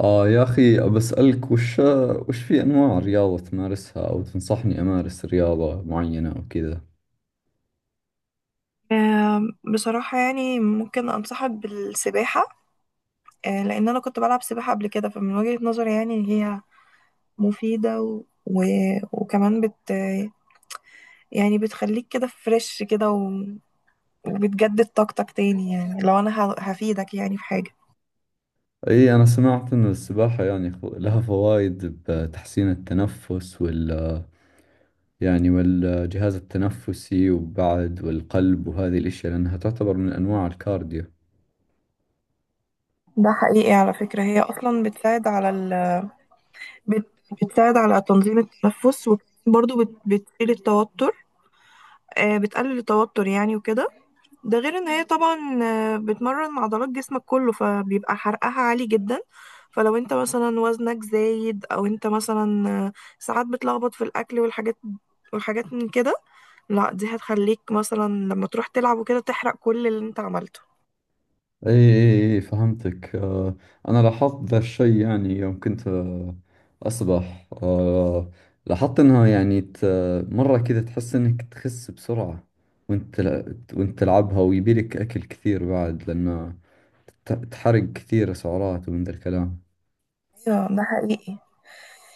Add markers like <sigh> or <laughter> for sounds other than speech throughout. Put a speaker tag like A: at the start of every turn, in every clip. A: آه يا أخي بسألك وش في أنواع رياضة تمارسها أو تنصحني أمارس رياضة معينة أو كذا.
B: آه، بصراحة يعني ممكن أنصحك بالسباحة. لأن أنا كنت بلعب سباحة قبل كده، فمن وجهة نظري يعني إن هي مفيدة وكمان بت يعني بتخليك كده فريش كده، وبتجدد طاقتك تاني. يعني لو أنا هفيدك يعني في حاجة.
A: إي، أنا سمعت أن السباحة يعني لها فوائد بتحسين التنفس والجهاز التنفسي، وبعد والقلب وهذه الأشياء لأنها تعتبر من أنواع الكارديو.
B: ده حقيقي على فكرة، هي أصلا بتساعد على بت... بتساعد على تنظيم التنفس، وبرضه بتشيل التوتر. بتقلل التوتر يعني وكده. ده غير ان هي طبعا بتمرن عضلات جسمك كله، فبيبقى حرقها عالي جدا. فلو انت مثلا وزنك زايد، او انت مثلا ساعات بتلخبط في الاكل والحاجات من كده، لا دي هتخليك مثلا لما تروح تلعب وكده تحرق كل اللي انت عملته.
A: اي اي اي، فهمتك. انا لاحظت ذا الشيء يعني يوم كنت اسبح. لاحظت انها يعني مرة كذا تحس انك تخس بسرعة، وانت تلعبها، ويبيلك اكل كثير بعد لان تحرق كثير سعرات ومن ذا الكلام.
B: ايوه ده حقيقي.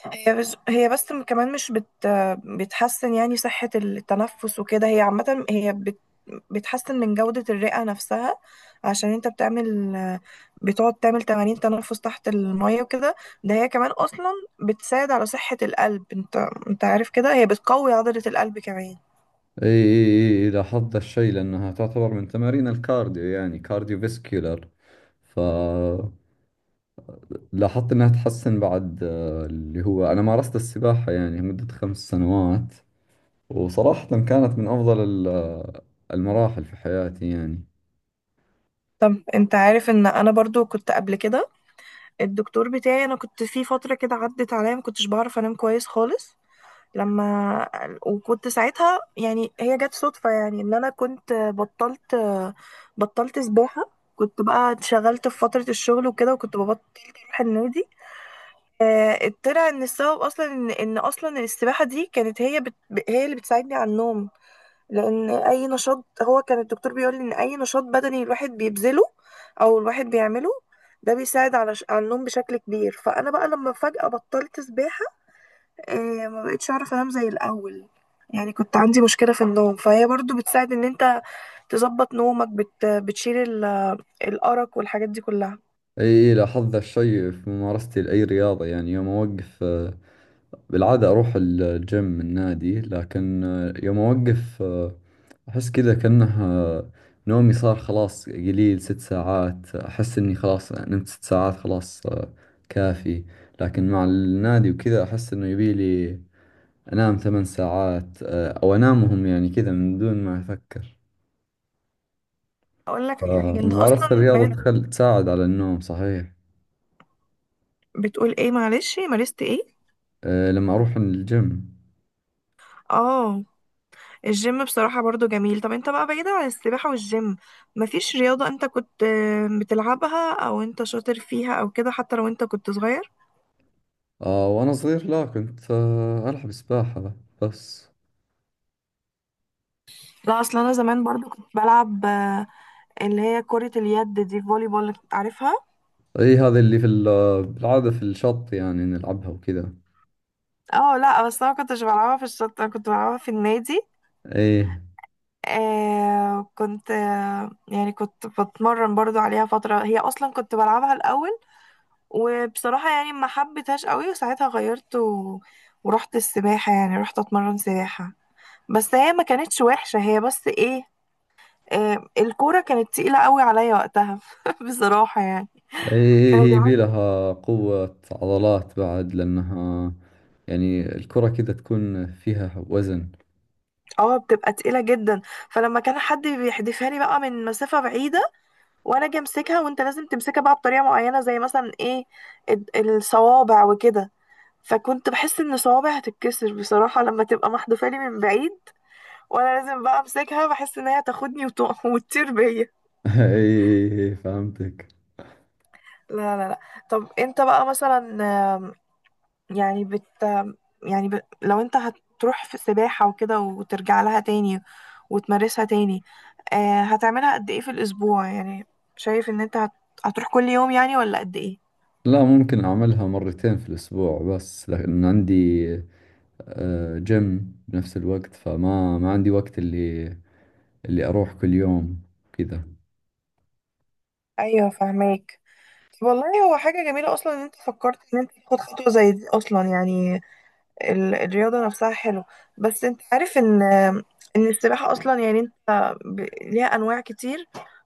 B: هي بس كمان مش بتحسن يعني صحة التنفس وكده. هي عامة هي بتحسن من جودة الرئة نفسها. عشان انت بتقعد تعمل تمارين تنفس تحت المية وكده. ده هي كمان اصلا بتساعد على صحة القلب. انت عارف كده هي بتقوي عضلة القلب كمان.
A: اي اي اي إي، لاحظت ذا الشيء لانها تعتبر من تمارين الكارديو يعني كارديو فيسكيولر. لاحظت انها تحسن بعد، اللي هو انا مارست السباحة يعني مدة خمس سنوات، وصراحة كانت من افضل المراحل في حياتي يعني.
B: طب انت عارف ان انا برضو كنت قبل كده، الدكتور بتاعي، انا كنت في فترة كده عدت عليا ما كنتش بعرف انام كويس خالص. لما وكنت ساعتها يعني، هي جت صدفة يعني ان انا كنت بطلت بطلت سباحة. كنت بقى اتشغلت في فترة الشغل وكده، وكنت ببطل اروح النادي. طلع ان السبب اصلا ان اصلا السباحة دي كانت هي اللي بتساعدني على النوم. لان اي نشاط، هو كان الدكتور بيقول لي ان اي نشاط بدني الواحد بيبذله او الواحد بيعمله ده بيساعد على النوم بشكل كبير. فانا بقى لما فجأة بطلت سباحة، ما بقتش اعرف انام زي الاول. يعني كنت عندي مشكلة في النوم، فهي برضو بتساعد ان انت تظبط نومك. بتشيل الأرق والحاجات دي كلها.
A: اي إي، لاحظت ذا الشيء في ممارستي لأي رياضة يعني يوم اوقف، بالعادة اروح الجيم النادي، لكن يوم اوقف احس كذا كأنه نومي صار خلاص قليل. ست ساعات احس اني خلاص نمت ست ساعات خلاص، كافي. لكن مع النادي وكذا احس انه يبي لي أنام ثمان ساعات، أو أنامهم يعني كذا من دون ما أفكر.
B: اقول لك على حاجة، انت
A: فممارسة
B: اصلا
A: الرياضة
B: بقيت
A: تساعد على النوم، صحيح.
B: بتقول ايه؟ معلش، مارست ايه؟
A: لما أروح الجيم.
B: اه. الجيم بصراحة برضو جميل. طب انت بقى بعيدة عن السباحة والجيم، مفيش رياضة انت كنت بتلعبها او انت شاطر فيها او كده، حتى لو انت كنت صغير؟
A: وأنا صغير لا، كنت ألعب سباحة بس.
B: لا اصل انا زمان برضو كنت بلعب اللي هي كرة اليد، دي فولي بول، عارفها؟
A: أي، هذه اللي في بالعادة في الشط يعني نلعبها وكذا.
B: اه لا بس انا ما كنتش بلعبها في الشط، انا كنت بلعبها في النادي.
A: أي
B: كنت يعني كنت بتمرن برضو عليها فترة. هي اصلا كنت بلعبها الاول، وبصراحة يعني ما حبيتهاش قوي، وساعتها غيرت ورحت السباحة، يعني رحت اتمرن سباحة. بس هي ما كانتش وحشة، هي بس ايه، الكورة كانت تقيلة قوي عليا وقتها <laughs> بصراحة يعني.
A: أي،
B: كانوا
A: هي هي
B: بيلعبوا،
A: بيلها قوة عضلات بعد لأنها يعني الكرة كذا تكون فيها وزن.
B: اه، بتبقى تقيلة جدا. فلما كان حد بيحدفها لي بقى من مسافة بعيدة وانا اجي امسكها، وانت لازم تمسكها بقى بطريقه معينه زي مثلا ايه، الصوابع وكده. فكنت بحس ان صوابعي هتتكسر بصراحه لما تبقى محدوفه لي من بعيد وانا لازم بقى امسكها. بحس ان هي تاخدني <laughs> وتطير بيا.
A: <laughs> أي أي، فهمتك.
B: لا لا لا. طب انت بقى مثلا، آم، يعني بت آم، يعني لو انت هتروح في سباحه وكده وترجع لها تاني وتمارسها تاني، هتعملها قد ايه في الاسبوع يعني؟ شايف ان انت هتروح كل يوم يعني ولا قد ايه؟
A: لا، ممكن أعملها مرتين في الأسبوع بس لأن عندي جيم بنفس الوقت، فما ما عندي وقت اللي أروح كل يوم كذا.
B: ايوه فاهمك. والله هو حاجة جميلة أصلا إن أنت فكرت إن أنت تاخد خطوة زي دي أصلا. يعني الرياضة نفسها حلو، بس أنت عارف إن السباحة أصلا، يعني أنت ليها أنواع كتير،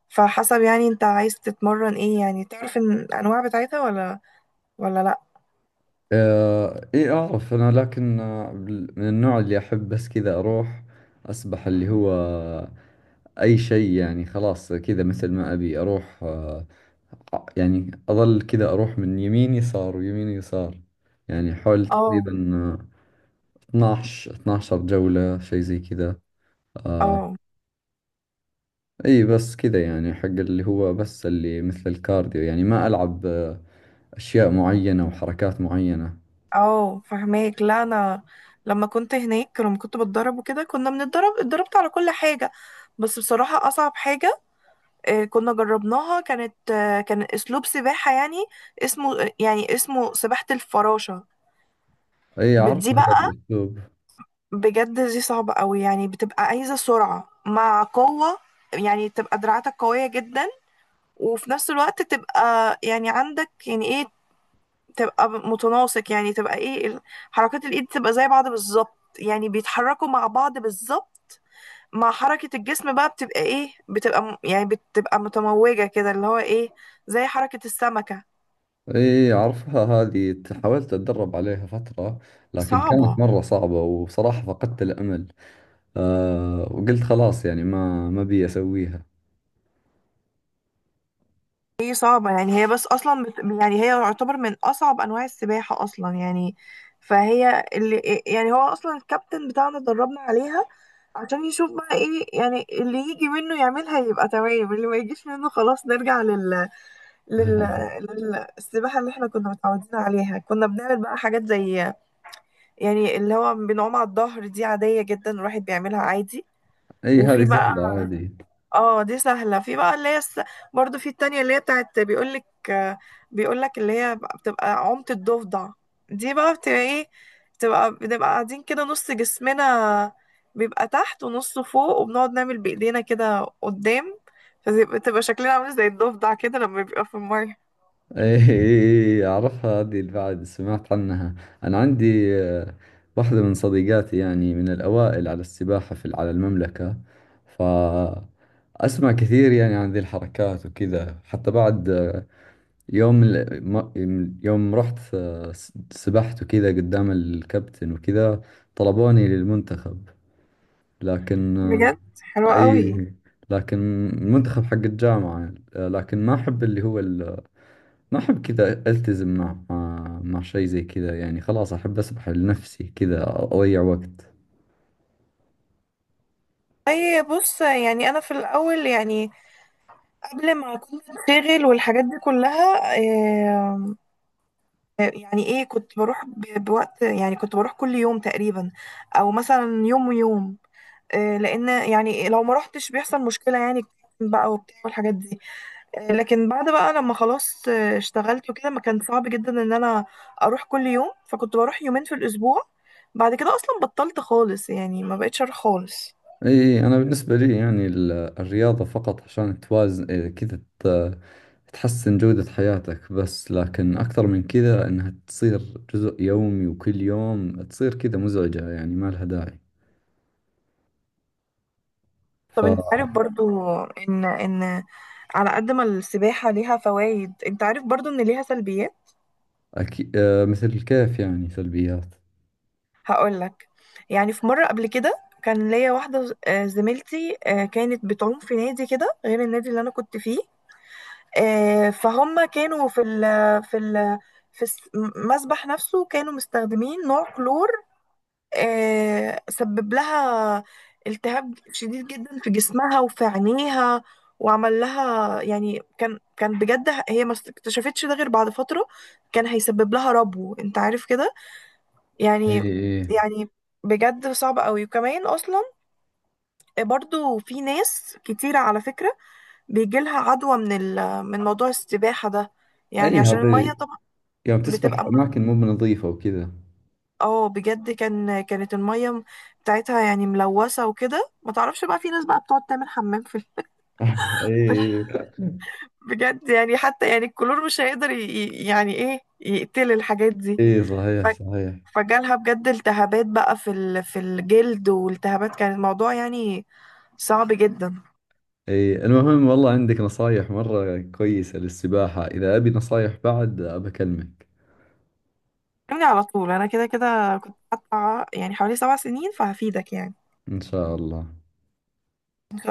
B: فحسب يعني أنت عايز تتمرن إيه يعني. تعرف إن الأنواع بتاعتها ولا لأ؟
A: إيه أعرف أنا، لكن من النوع اللي أحب بس كذا أروح أسبح اللي هو أي شيء يعني. خلاص كذا مثل ما أبي أروح، يعني أظل كذا أروح من يمين يسار ويمين يسار، يعني حول
B: اه
A: تقريبا 12 جولة شيء زي كذا. آه،
B: اه
A: اي بس كذا يعني حق اللي هو بس اللي مثل الكارديو، يعني ما العب اشياء معينة وحركات معينة.
B: اه فهماك. لا أنا لما كنت هناك لما كنت بتدرب وكده كنا بنتدرب، اتدربت على كل حاجة، بس بصراحة أصعب حاجة كنا جربناها كانت كان اسلوب سباحة، يعني اسمه سباحة الفراشة.
A: اي، اعرف
B: دي
A: هذا
B: بقى
A: الاسلوب.
B: بجد دي صعبة قوي، يعني بتبقى عايزة سرعة مع قوة. يعني تبقى دراعاتك قوية جدا، وفي نفس الوقت تبقى يعني عندك يعني ايه، تبقى متناسق. يعني تبقى ايه، حركات الايد تبقى زي بعض بالظبط يعني، بيتحركوا مع بعض بالظبط مع حركة الجسم بقى. بتبقى ايه، بتبقى يعني بتبقى متموجة كده، اللي هو ايه، زي حركة السمكة.
A: اي، اعرفها هذه. حاولت اتدرب عليها فترة لكن كانت
B: صعبة.
A: مرة صعبة، وصراحة فقدت الامل. وقلت خلاص يعني ما بي اسويها.
B: هي صعبة يعني. هي بس أصلا يعني هي تعتبر من أصعب أنواع السباحة أصلا يعني. فهي اللي يعني هو أصلا الكابتن بتاعنا دربنا عليها عشان يشوف بقى إيه يعني اللي يجي منه يعملها يبقى تمام، اللي ما يجيش منه خلاص نرجع لل...
A: <laughs>
B: للسباحة اللي احنا كنا متعودين عليها. كنا بنعمل بقى حاجات زي يعني اللي هو بنعوم على الظهر، دي عادية جدا الواحد بيعملها عادي.
A: اي، هذه
B: وفي بقى،
A: سهلة عادي.
B: اه، دي سهلة. في بقى اللي برضو في التانية اللي هي بتاعت، بيقولك بيقولك اللي هي بتبقى عمت الضفدع. دي بقى بتبقى ايه، بتبقى قاعدين كده، نص جسمنا بيبقى تحت ونصه فوق، وبنقعد نعمل بإيدينا كده قدام. فبتبقى شكلنا عامل زي الضفدع كده لما بيبقى في المية.
A: ايه إيه، اعرفها هذه. البعد سمعت عنها. انا عندي واحدة من صديقاتي يعني من الاوائل على السباحة في على المملكة، فاسمع كثير يعني عن ذي الحركات وكذا. حتى بعد يوم يوم رحت سبحت وكذا قدام الكابتن وكذا طلبوني للمنتخب، لكن
B: بجد حلوة قوي.
A: اي، لكن المنتخب حق الجامعة، لكن ما احب اللي هو ما أحب كذا ألتزم مع شيء زي كذا يعني. خلاص أحب أسبح لنفسي كذا أضيع وقت.
B: اي بص، يعني انا في الاول يعني قبل ما كنت اتشغل والحاجات دي كلها، يعني ايه، كنت بروح بوقت. يعني كنت بروح كل يوم تقريبا، او مثلا يوم ويوم. لان يعني لو ما روحتش بيحصل مشكله يعني بقى وبتاع والحاجات دي. لكن بعد بقى لما خلاص اشتغلت وكده، ما كان صعب جدا ان انا اروح كل يوم، فكنت بروح يومين في الاسبوع. بعد كده اصلا بطلت خالص يعني، ما بقتش اروح خالص.
A: إي، أنا بالنسبة لي يعني الرياضة فقط عشان توازن، إيه، كذا تحسن جودة حياتك بس، لكن أكثر من كذا إنها تصير جزء يومي وكل يوم تصير كذا مزعجة يعني ما لها داعي. ف
B: طب انت عارف برضو ان على قد ما السباحه ليها فوائد، انت عارف برضو ان ليها سلبيات.
A: أكي... آه، مثل الكيف يعني سلبيات.
B: هقول لك. يعني في مرة قبل كده كان ليا واحدة، زميلتي، كانت بتعوم في نادي كده غير النادي اللي أنا كنت فيه. فهم كانوا في ال في المسبح نفسه كانوا مستخدمين نوع كلور سبب لها التهاب شديد جدا في جسمها وفي عينيها. وعمل لها يعني، كان بجد، هي ما اكتشفتش ده غير بعد فترة. كان هيسبب لها ربو، انت عارف كده
A: إي
B: يعني،
A: إي.
B: يعني بجد صعب قوي. وكمان اصلا برضو في ناس كتيرة على فكرة بيجيلها عدوى من موضوع السباحة ده،
A: أي
B: يعني
A: أيوة،
B: عشان
A: هذه
B: المية طبعا
A: يوم تسبح في
B: بتبقى مل...
A: أماكن مو بنظيفة وكذا.
B: اه بجد كان، كانت المية بتاعتها يعني ملوثة وكده. ما تعرفش بقى، في ناس بقى بتقعد تعمل حمام
A: إي
B: <laughs>
A: إي.
B: بجد يعني، حتى يعني الكلور مش هيقدر يعني ايه يقتل الحاجات دي.
A: إي صحيح
B: ف...
A: صحيح.
B: فجالها بجد التهابات بقى في الجلد والتهابات. كان الموضوع يعني صعب جدا.
A: اي، المهم، والله عندك نصايح مرة كويسة للسباحة. إذا أبي نصايح بعد أبكلمك.
B: كلمني على طول، انا كده كده كنت حاطه يعني حوالي 7 سنين، فهفيدك يعني.
A: إن شاء الله.
B: ان شاء.